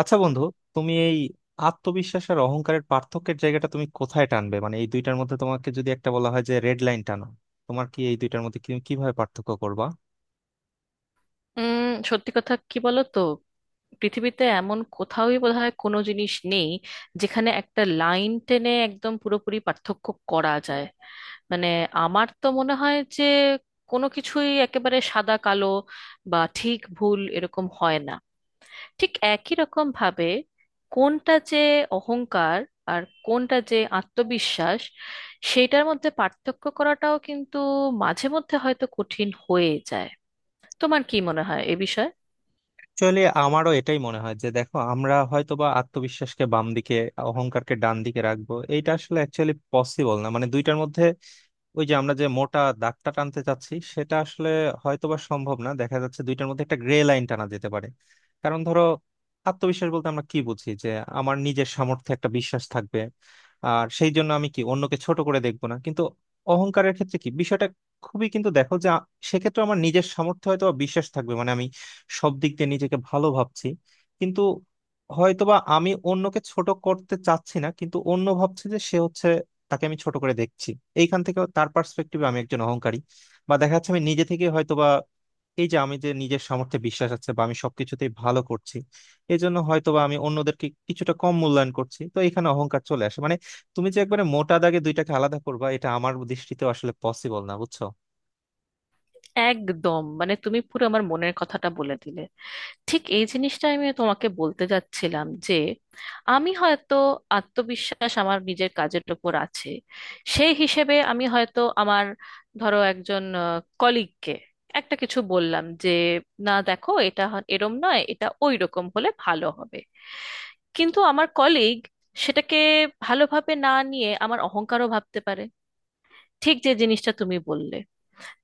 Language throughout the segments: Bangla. আচ্ছা বন্ধু, তুমি এই আত্মবিশ্বাস আর অহংকারের পার্থক্যের জায়গাটা তুমি কোথায় টানবে? মানে এই দুইটার মধ্যে তোমাকে যদি একটা বলা হয় যে রেড লাইন টানো, তোমার কি এই দুইটার মধ্যে কিভাবে পার্থক্য করবা? সত্যি কথা কি বলো তো? পৃথিবীতে এমন কোথাওই বোধহয় কোনো জিনিস নেই যেখানে একটা লাইন টেনে একদম পুরোপুরি পার্থক্য করা যায়। মানে আমার তো মনে হয় যে কোনো কিছুই একেবারে সাদা কালো বা ঠিক ভুল এরকম হয় না। ঠিক একই রকম ভাবে কোনটা যে অহংকার আর কোনটা যে আত্মবিশ্বাস সেইটার মধ্যে পার্থক্য করাটাও কিন্তু মাঝে মধ্যে হয়তো কঠিন হয়ে যায়। তোমার কি মনে হয় এ বিষয়ে? অ্যাকচুয়ালি আমারও এটাই মনে হয় যে দেখো, আমরা হয়তোবা আত্মবিশ্বাসকে বাম দিকে অহংকারকে ডান দিকে রাখবো, এইটা আসলে অ্যাকচুয়ালি পসিবল না। মানে দুইটার মধ্যে ওই যে আমরা যে মোটা দাগটা টানতে চাচ্ছি সেটা আসলে হয়তোবা সম্ভব না। দেখা যাচ্ছে দুইটার মধ্যে একটা গ্রে লাইন টানা যেতে পারে। কারণ ধরো, আত্মবিশ্বাস বলতে আমরা কি বুঝি? যে আমার নিজের সামর্থ্যে একটা বিশ্বাস থাকবে, আর সেই জন্য আমি কি অন্যকে ছোট করে দেখবো না। কিন্তু অহংকারের ক্ষেত্রে কি বিষয়টা খুবই কিন্তু দেখো যে সেক্ষেত্রে আমার নিজের সামর্থ্যে হয়তো বা বিশ্বাস থাকবে, মানে আমি সব দিক দিয়ে নিজেকে ভালো ভাবছি, কিন্তু হয়তোবা আমি অন্যকে ছোট করতে চাচ্ছি না, কিন্তু অন্য ভাবছে যে সে হচ্ছে তাকে আমি ছোট করে দেখছি। এইখান থেকে তার পার্সপেক্টিভে আমি একজন অহংকারী, বা দেখা যাচ্ছে আমি নিজে থেকে হয়তো বা এই যে আমি যে নিজের সামর্থ্যে বিশ্বাস আছে বা আমি সবকিছুতেই ভালো করছি, এই জন্য হয়তো বা আমি অন্যদেরকে কিছুটা কম মূল্যায়ন করছি, তো এখানে অহংকার চলে আসে। মানে তুমি যে একবারে মোটা দাগে দুইটাকে আলাদা করবা, এটা আমার দৃষ্টিতে আসলে পসিবল না, বুঝছো। একদম, মানে তুমি পুরো আমার মনের কথাটা বলে দিলে। ঠিক এই জিনিসটা আমি তোমাকে বলতে যাচ্ছিলাম যে আমি হয়তো আত্মবিশ্বাস আমার নিজের কাজের উপর আছে। সেই হিসেবে আমি হয়তো আমার, ধরো একজন কলিগকে একটা কিছু বললাম যে না দেখো এটা এরম নয়, এটা ওই রকম হলে ভালো হবে। কিন্তু আমার কলিগ সেটাকে ভালোভাবে না নিয়ে আমার অহংকারও ভাবতে পারে, ঠিক যে জিনিসটা তুমি বললে।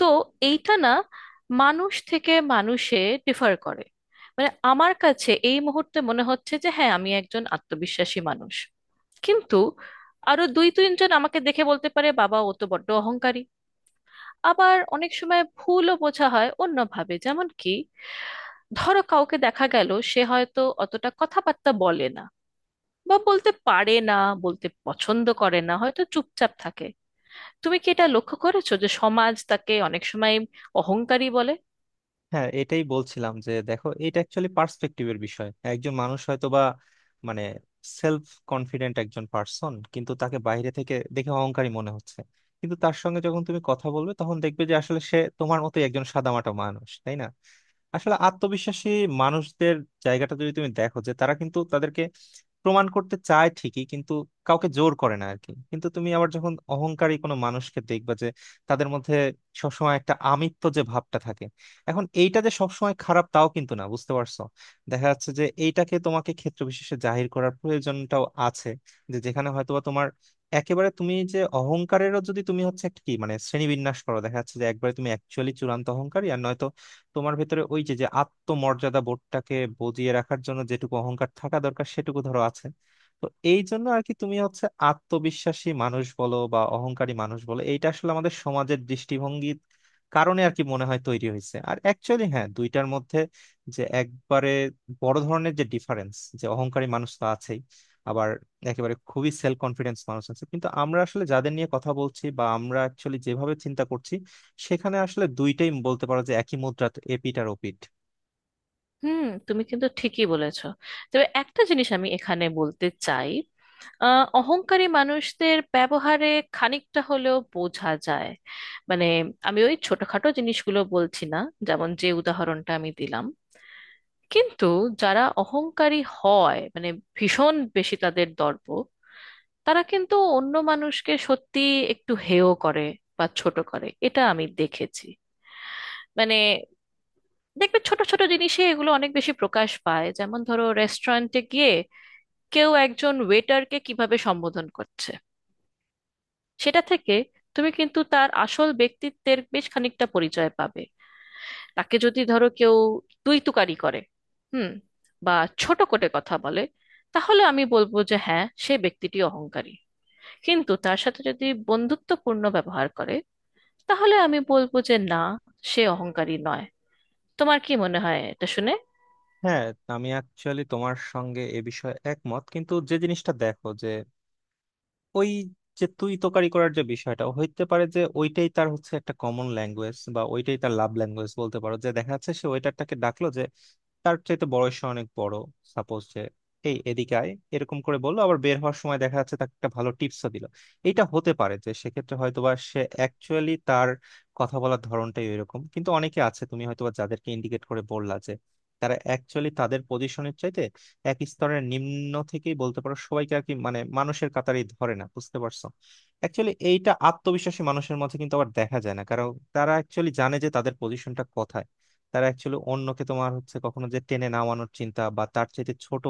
তো এইটা না, মানুষ থেকে মানুষে ডিফার করে। মানে আমার কাছে এই মুহূর্তে মনে হচ্ছে যে হ্যাঁ আমি একজন আত্মবিশ্বাসী মানুষ, কিন্তু আরো দুই তিনজন আমাকে দেখে বলতে পারে বাবা ও তো বড্ড অহংকারী। আবার অনেক সময় ভুলও বোঝা হয় অন্যভাবে, যেমন কি ধরো কাউকে দেখা গেল সে হয়তো অতটা কথাবার্তা বলে না বা বলতে পারে না, বলতে পছন্দ করে না, হয়তো চুপচাপ থাকে। তুমি কি এটা লক্ষ্য করেছো যে সমাজ তাকে অনেক সময় অহংকারী বলে? হ্যাঁ, এটাই বলছিলাম যে দেখো, এটা অ্যাকচুয়ালি পার্সপেক্টিভের বিষয়। একজন মানুষ হয়তো বা মানে সেলফ কনফিডেন্ট একজন পার্সন, কিন্তু তাকে বাইরে থেকে দেখে অহংকারী মনে হচ্ছে। কিন্তু তার সঙ্গে যখন তুমি কথা বলবে, তখন দেখবে যে আসলে সে তোমার মতোই একজন সাদামাটা মানুষ, তাই না? আসলে আত্মবিশ্বাসী মানুষদের জায়গাটা যদি তুমি দেখো, যে তারা কিন্তু তাদেরকে প্রমাণ করতে চায় ঠিকই, কিন্তু কাউকে জোর করে না আরকি। কিন্তু তুমি আবার যখন অহংকারী কোনো মানুষকে দেখবা, যে তাদের মধ্যে সবসময় একটা আমিত্ব যে ভাবটা থাকে। এখন এইটা যে সবসময় খারাপ তাও কিন্তু না, বুঝতে পারছো। দেখা যাচ্ছে যে এইটাকে তোমাকে ক্ষেত্র বিশেষে জাহির করার প্রয়োজনটাও আছে, যে যেখানে হয়তোবা তোমার একেবারে তুমি যে অহংকারেরও যদি তুমি হচ্ছে একটা কি মানে শ্রেণীবিন্যাস করো, দেখা যাচ্ছে যে একবারে তুমি অ্যাকচুয়ালি চূড়ান্ত অহংকারী, আর নয়তো তোমার ভেতরে ওই যে যে আত্মমর্যাদা বোধটাকে বজিয়ে রাখার জন্য যেটুকু অহংকার থাকা দরকার সেটুকু ধরো আছে। তো এই জন্য আর কি, তুমি হচ্ছে আত্মবিশ্বাসী মানুষ বলো বা অহংকারী মানুষ বলো, এইটা আসলে আমাদের সমাজের দৃষ্টিভঙ্গির কারণে আর কি মনে হয় তৈরি হয়েছে। আর অ্যাকচুয়ালি হ্যাঁ, দুইটার মধ্যে যে একবারে বড় ধরনের যে ডিফারেন্স, যে অহংকারী মানুষ তো আছেই, আবার একেবারে খুবই সেলফ কনফিডেন্স মানুষ আছে। কিন্তু আমরা আসলে যাদের নিয়ে কথা বলছি বা আমরা অ্যাকচুয়ালি যেভাবে চিন্তা করছি, সেখানে আসলে দুইটাই বলতে পারো যে একই মুদ্রা এপিট আর ওপিট। হুম, তুমি কিন্তু ঠিকই বলেছো। তবে একটা জিনিস আমি এখানে বলতে চাই। অহংকারী মানুষদের ব্যবহারে খানিকটা হলেও বোঝা যায়। মানে আমি ওই ছোটখাটো জিনিসগুলো বলছি না, যেমন যে উদাহরণটা আমি দিলাম। কিন্তু যারা অহংকারী হয়, মানে ভীষণ বেশি তাদের দর্প, তারা কিন্তু অন্য মানুষকে সত্যি একটু হেয় করে বা ছোট করে, এটা আমি দেখেছি। মানে দেখবে ছোট ছোট জিনিসে এগুলো অনেক বেশি প্রকাশ পায়। যেমন ধরো রেস্টুরেন্টে কেউ একজন ওয়েটারকে কিভাবে সম্বোধন করছে, সেটা থেকে তুমি কিন্তু তার আসল ব্যক্তিত্বের বেশ খানিকটা পরিচয় পাবে। তাকে যদি ধরো কেউ তুই তুকারি করে, হুম, বা ছোট করে কথা বলে, তাহলে আমি বলবো যে হ্যাঁ সে ব্যক্তিটি অহংকারী। কিন্তু তার সাথে যদি বন্ধুত্বপূর্ণ ব্যবহার করে, তাহলে আমি বলবো যে না, সে অহংকারী নয়। তোমার কি মনে হয় এটা শুনে? হ্যাঁ, আমি অ্যাকচুয়ালি তোমার সঙ্গে এ বিষয়ে একমত, কিন্তু যে জিনিসটা দেখো যে ওই যে তুই তোকারি করার যে বিষয়টা, হইতে পারে যে ওইটাই তার হচ্ছে একটা কমন ল্যাঙ্গুয়েজ বা ওইটাই তার লাভ ল্যাঙ্গুয়েজ, বলতে পারো। যে দেখা যাচ্ছে সে ওয়েটারটাকে ডাকলো, যে তার চাইতে বয়সে অনেক বড়, সাপোজ যে এই এদিকে আয়, এরকম করে বললো। আবার বের হওয়ার সময় দেখা যাচ্ছে তাকে একটা ভালো টিপসও দিল। এটা হতে পারে যে সেক্ষেত্রে হয়তোবা সে অ্যাকচুয়ালি তার কথা বলার ধরনটাই এরকম। কিন্তু অনেকে আছে, তুমি হয়তোবা যাদেরকে ইন্ডিকেট করে বললা, যে তারা অ্যাকচুয়ালি তাদের পজিশনের চাইতে এক স্তরের নিম্ন থেকেই বলতে পারো সবাইকে আর কি, মানে মানুষের কাতারেই ধরে না, বুঝতে পারছো। অ্যাকচুয়ালি এইটা আত্মবিশ্বাসী মানুষের মধ্যে কিন্তু আবার দেখা যায় না, কারণ তারা অ্যাকচুয়ালি জানে যে তাদের পজিশনটা কোথায়। তারা অ্যাকচুয়ালি অন্যকে তোমার হচ্ছে কখনো যে টেনে নামানোর চিন্তা, বা তার চাইতে ছোট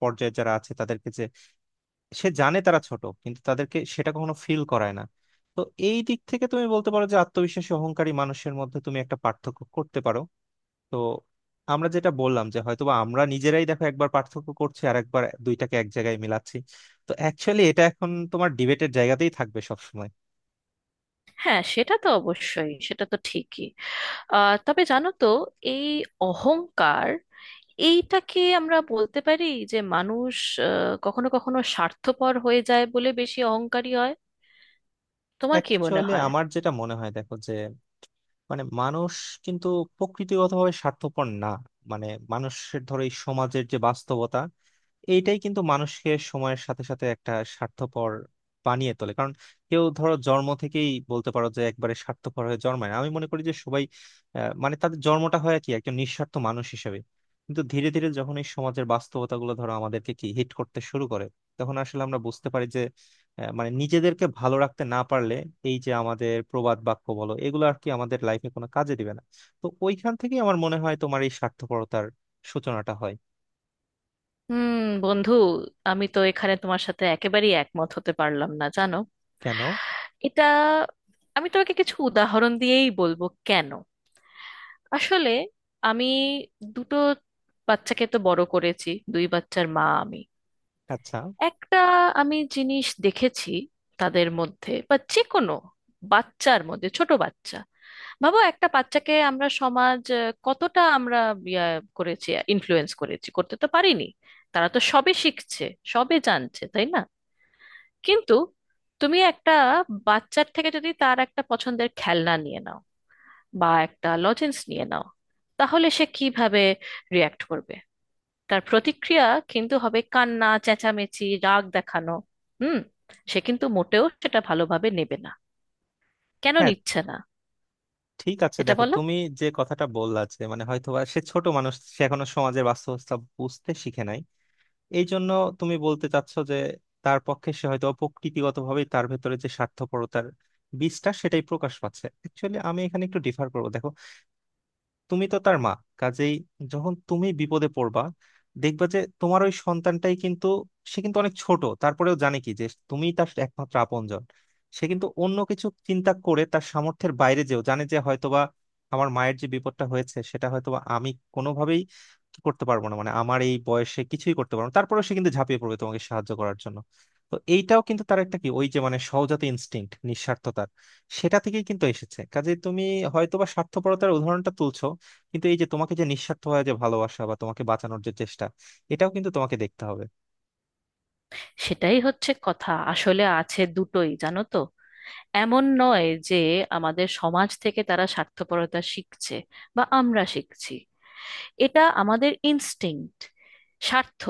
পর্যায়ে যারা আছে তাদেরকে যে সে জানে তারা ছোট, কিন্তু তাদেরকে সেটা কখনো ফিল করায় না। তো এই দিক থেকে তুমি বলতে পারো যে আত্মবিশ্বাসী অহংকারী মানুষের মধ্যে তুমি একটা পার্থক্য করতে পারো। তো আমরা যেটা বললাম যে হয়তোবা আমরা নিজেরাই দেখো, একবার পার্থক্য করছি আর একবার দুইটাকে এক জায়গায় মিলাচ্ছি। তো অ্যাকচুয়ালি এটা এখন তোমার ডিবেটের জায়গাতেই থাকবে সব সময়। হ্যাঁ সেটা তো অবশ্যই, সেটা তো ঠিকই। তবে জানো তো, এই অহংকার, এইটাকে আমরা বলতে পারি যে মানুষ কখনো কখনো স্বার্থপর হয়ে যায় বলে বেশি অহংকারী হয়। তোমার কি মনে অ্যাকচুয়ালি হয়? আমার যেটা মনে হয়, দেখো যে মানে মানুষ কিন্তু প্রকৃতিগতভাবে স্বার্থপর না। মানে মানুষের ধরো এই সমাজের যে বাস্তবতা, এইটাই কিন্তু মানুষকে সময়ের সাথে সাথে একটা স্বার্থপর বানিয়ে তোলে। কারণ কেউ ধরো জন্ম থেকেই বলতে পারো যে একবারে স্বার্থপর হয়ে জন্মায় না। আমি মনে করি যে সবাই মানে তাদের জন্মটা হয় কি একজন নিঃস্বার্থ মানুষ হিসেবে। কিন্তু ধীরে ধীরে যখন এই সমাজের বাস্তবতা গুলো ধরো আমাদেরকে কি হিট করতে শুরু করে, তখন আসলে আমরা বুঝতে পারি যে মানে নিজেদেরকে ভালো রাখতে না পারলে এই যে আমাদের প্রবাদ বাক্য বলো এগুলো আর কি আমাদের লাইফে কোনো কাজে দিবে না। তো ওইখান থেকেই আমার মনে হয় তোমার এই স্বার্থপরতার সূচনাটা হয়। হুম। বন্ধু, আমি তো এখানে তোমার সাথে একেবারেই একমত হতে পারলাম না, জানো। কেন? এটা, আমি তোমাকে কিছু উদাহরণ দিয়েই বলবো কেন। আসলে আমি দুটো বাচ্চাকে তো বড় করেছি, দুই বাচ্চার মা আমি। আচ্ছা, একটা আমি জিনিস দেখেছি তাদের মধ্যে বা যে কোনো বাচ্চার মধ্যে, ছোট বাচ্চা ভাবো। একটা বাচ্চাকে আমরা সমাজ কতটা আমরা ইয়া করেছি, ইনফ্লুয়েন্স করেছি, করতে তো পারিনি। তারা তো সবে শিখছে, সবে জানছে, তাই না? কিন্তু তুমি একটা বাচ্চার থেকে যদি তার একটা পছন্দের খেলনা নিয়ে নাও বা একটা লজেন্স নিয়ে নাও, তাহলে সে কিভাবে রিয়াক্ট করবে? তার প্রতিক্রিয়া কিন্তু হবে কান্না, চেঁচামেচি, রাগ দেখানো। হুম। সে কিন্তু মোটেও সেটা ভালোভাবে নেবে না। কেন হ্যাঁ, নিচ্ছে না, ঠিক আছে, এটা দেখো বলো। তুমি যে কথাটা বললা, যে মানে হয়তোবা সে ছোট মানুষ, সে এখনো সমাজের বাস্তবতা বুঝতে শিখে নাই, এই জন্য তুমি বলতে চাচ্ছ যে তার পক্ষে সে হয়তো প্রকৃতিগত ভাবে তার ভেতরে যে স্বার্থপরতার বীজটা, সেটাই প্রকাশ পাচ্ছে। অ্যাকচুয়ালি আমি এখানে একটু ডিফার করবো। দেখো, তুমি তো তার মা, কাজেই যখন তুমি বিপদে পড়বা, দেখবা যে তোমার ওই সন্তানটাই কিন্তু, সে কিন্তু অনেক ছোট, তারপরেও জানে কি যে তুমি তার একমাত্র আপনজন। সে কিন্তু অন্য কিছু চিন্তা করে, তার সামর্থ্যের বাইরে যেও জানে যে হয়তোবা আমার মায়ের যে বিপদটা হয়েছে সেটা হয়তোবা আমি কোনোভাবেই করতে পারবো না, মানে আমার এই বয়সে কিছুই করতে পারবো না, তারপরেও সে কিন্তু ঝাঁপিয়ে পড়বে তোমাকে সাহায্য করার জন্য। তো এইটাও কিন্তু তার একটা কি ওই যে মানে সহজাত ইনস্টিংক্ট নিঃস্বার্থতার, সেটা থেকেই কিন্তু এসেছে। কাজে তুমি হয়তোবা স্বার্থপরতার উদাহরণটা তুলছো, কিন্তু এই যে তোমাকে যে নিঃস্বার্থ হয় যে ভালোবাসা বা তোমাকে বাঁচানোর যে চেষ্টা, এটাও কিন্তু তোমাকে দেখতে হবে। সেটাই হচ্ছে কথা, আসলে আছে দুটোই, জানো তো। এমন নয় যে আমাদের সমাজ থেকে তারা স্বার্থপরতা শিখছে বা আমরা শিখছি। এটা আমাদের ইনস্টিংক্ট, স্বার্থ।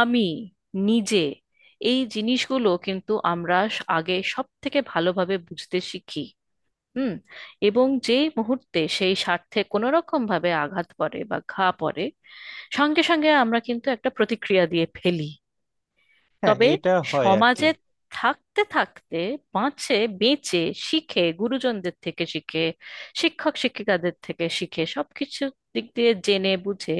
আমি নিজে এই জিনিসগুলো কিন্তু আমরা আগে সব থেকে ভালোভাবে বুঝতে শিখি। হুম। এবং যেই মুহূর্তে সেই স্বার্থে কোনো রকম ভাবে আঘাত পড়ে বা ঘা পড়ে, সঙ্গে সঙ্গে আমরা কিন্তু একটা প্রতিক্রিয়া দিয়ে ফেলি। হ্যাঁ, তবে এটা হয় আর কি। সমাজে থাকতে থাকতে, বাঁচে, বেঁচে, শিখে, গুরুজনদের থেকে শিখে, শিক্ষক শিক্ষিকাদের থেকে শিখে, সবকিছু দিক দিয়ে জেনে বুঝে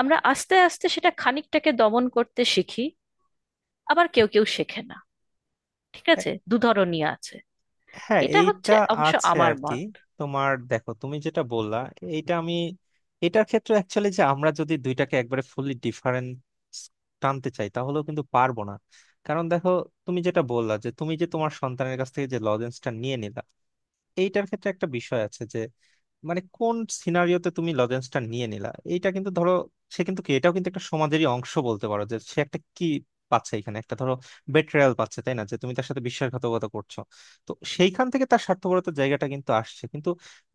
আমরা আস্তে আস্তে সেটা খানিকটাকে দমন করতে শিখি। আবার কেউ কেউ শেখে না। ঠিক আছে, দুধরনই আছে। হ্যাঁ, এটা এইটা হচ্ছে অবশ্য আছে আমার আর কি। মত। তোমার দেখো তুমি যেটা বললা, এইটা আমি এটার ক্ষেত্রে অ্যাকচুয়ালি, যে আমরা যদি দুইটাকে একবারে ফুললি ডিফারেন্ট টানতে চাই, তাহলেও কিন্তু পারবো না। কারণ দেখো, তুমি যেটা বললা যে তুমি যে তোমার সন্তানের কাছ থেকে যে লজেন্সটা নিয়ে নিলা, এইটার ক্ষেত্রে একটা বিষয় আছে যে মানে কোন সিনারিওতে তুমি লজেন্সটা নিয়ে নিলা। এইটা কিন্তু ধরো, সে কিন্তু কি, এটাও কিন্তু একটা সমাজেরই অংশ বলতে পারো। যে সে একটা কি পাচ্ছে, এখানে একটা ধরো বেট্রায়াল পাচ্ছে, তাই না? যে তুমি তার সাথে বিশ্বাসঘাতকতা করছো। তো সেইখান থেকে তার স্বার্থপরতার জায়গাটা কিন্তু আসছে। কিন্তু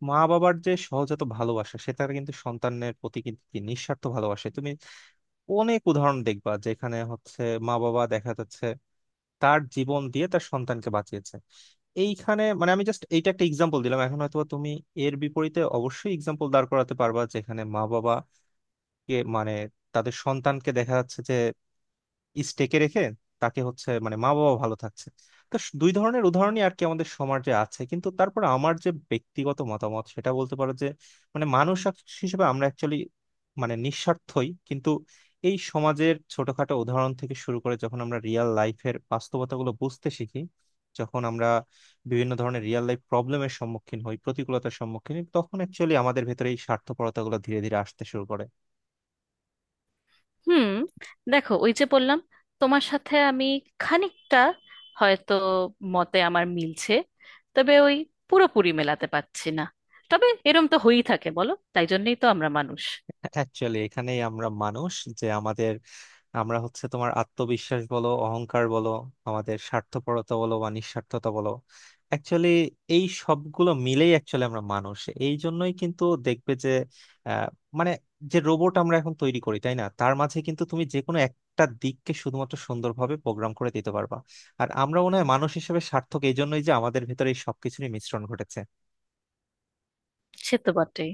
মা বাবার যে সহজাত ভালোবাসা, সে তার কিন্তু সন্তানের প্রতি কিন্তু কি নিঃস্বার্থ ভালোবাসে। তুমি অনেক উদাহরণ দেখবা যেখানে হচ্ছে মা বাবা দেখা যাচ্ছে তার জীবন দিয়ে তার সন্তানকে বাঁচিয়েছে। এইখানে মানে আমি জাস্ট এইটা একটা এক্সাম্পল দিলাম, এখন হয়তো তুমি এর বিপরীতে অবশ্যই এক্সাম্পল দাঁড় করাতে পারবা যেখানে মা বাবা কে মানে তাদের সন্তানকে দেখা যাচ্ছে যে স্টেকে রেখে তাকে হচ্ছে মানে মা বাবা ভালো থাকছে। তো দুই ধরনের উদাহরণই আর কি আমাদের সমাজে আছে। কিন্তু তারপর আমার যে ব্যক্তিগত মতামত সেটা বলতে পারো যে মানে মানুষ হিসেবে আমরা অ্যাকচুয়ালি মানে নিঃস্বার্থই কিন্তু। এই সমাজের ছোটখাটো উদাহরণ থেকে শুরু করে যখন আমরা রিয়েল লাইফের বাস্তবতাগুলো বুঝতে শিখি, যখন আমরা বিভিন্ন ধরনের রিয়েল লাইফ প্রবলেমের সম্মুখীন হই, প্রতিকূলতার সম্মুখীন হই, তখন অ্যাকচুয়ালি আমাদের ভেতরে এই স্বার্থপরতাগুলো ধীরে ধীরে আসতে শুরু করে। হুম, দেখো ওই যে বললাম, তোমার সাথে আমি খানিকটা হয়তো মতে আমার মিলছে, তবে ওই পুরোপুরি মেলাতে পারছি না। তবে এরম তো হয়েই থাকে, বলো? তাই জন্যই তো আমরা মানুষ। অ্যাকচুয়ালি এখানেই আমরা মানুষ, যে আমাদের আমরা হচ্ছে তোমার আত্মবিশ্বাস বলো অহংকার বলো, আমাদের স্বার্থপরতা বলো বা নিঃস্বার্থতা বলো, অ্যাকচুয়ালি এই সবগুলো মিলেই অ্যাকচুয়ালি আমরা মানুষ। এই জন্যই কিন্তু দেখবে যে আহ, মানে যে রোবট আমরা এখন তৈরি করি, তাই না, তার মাঝে কিন্তু তুমি যে কোনো একটা দিককে শুধুমাত্র সুন্দরভাবে প্রোগ্রাম করে দিতে পারবা। আর আমরা মনে হয় মানুষ হিসেবে সার্থক এই জন্যই যে আমাদের ভেতরে এই সবকিছুরই মিশ্রণ ঘটেছে। সে তো বটেই।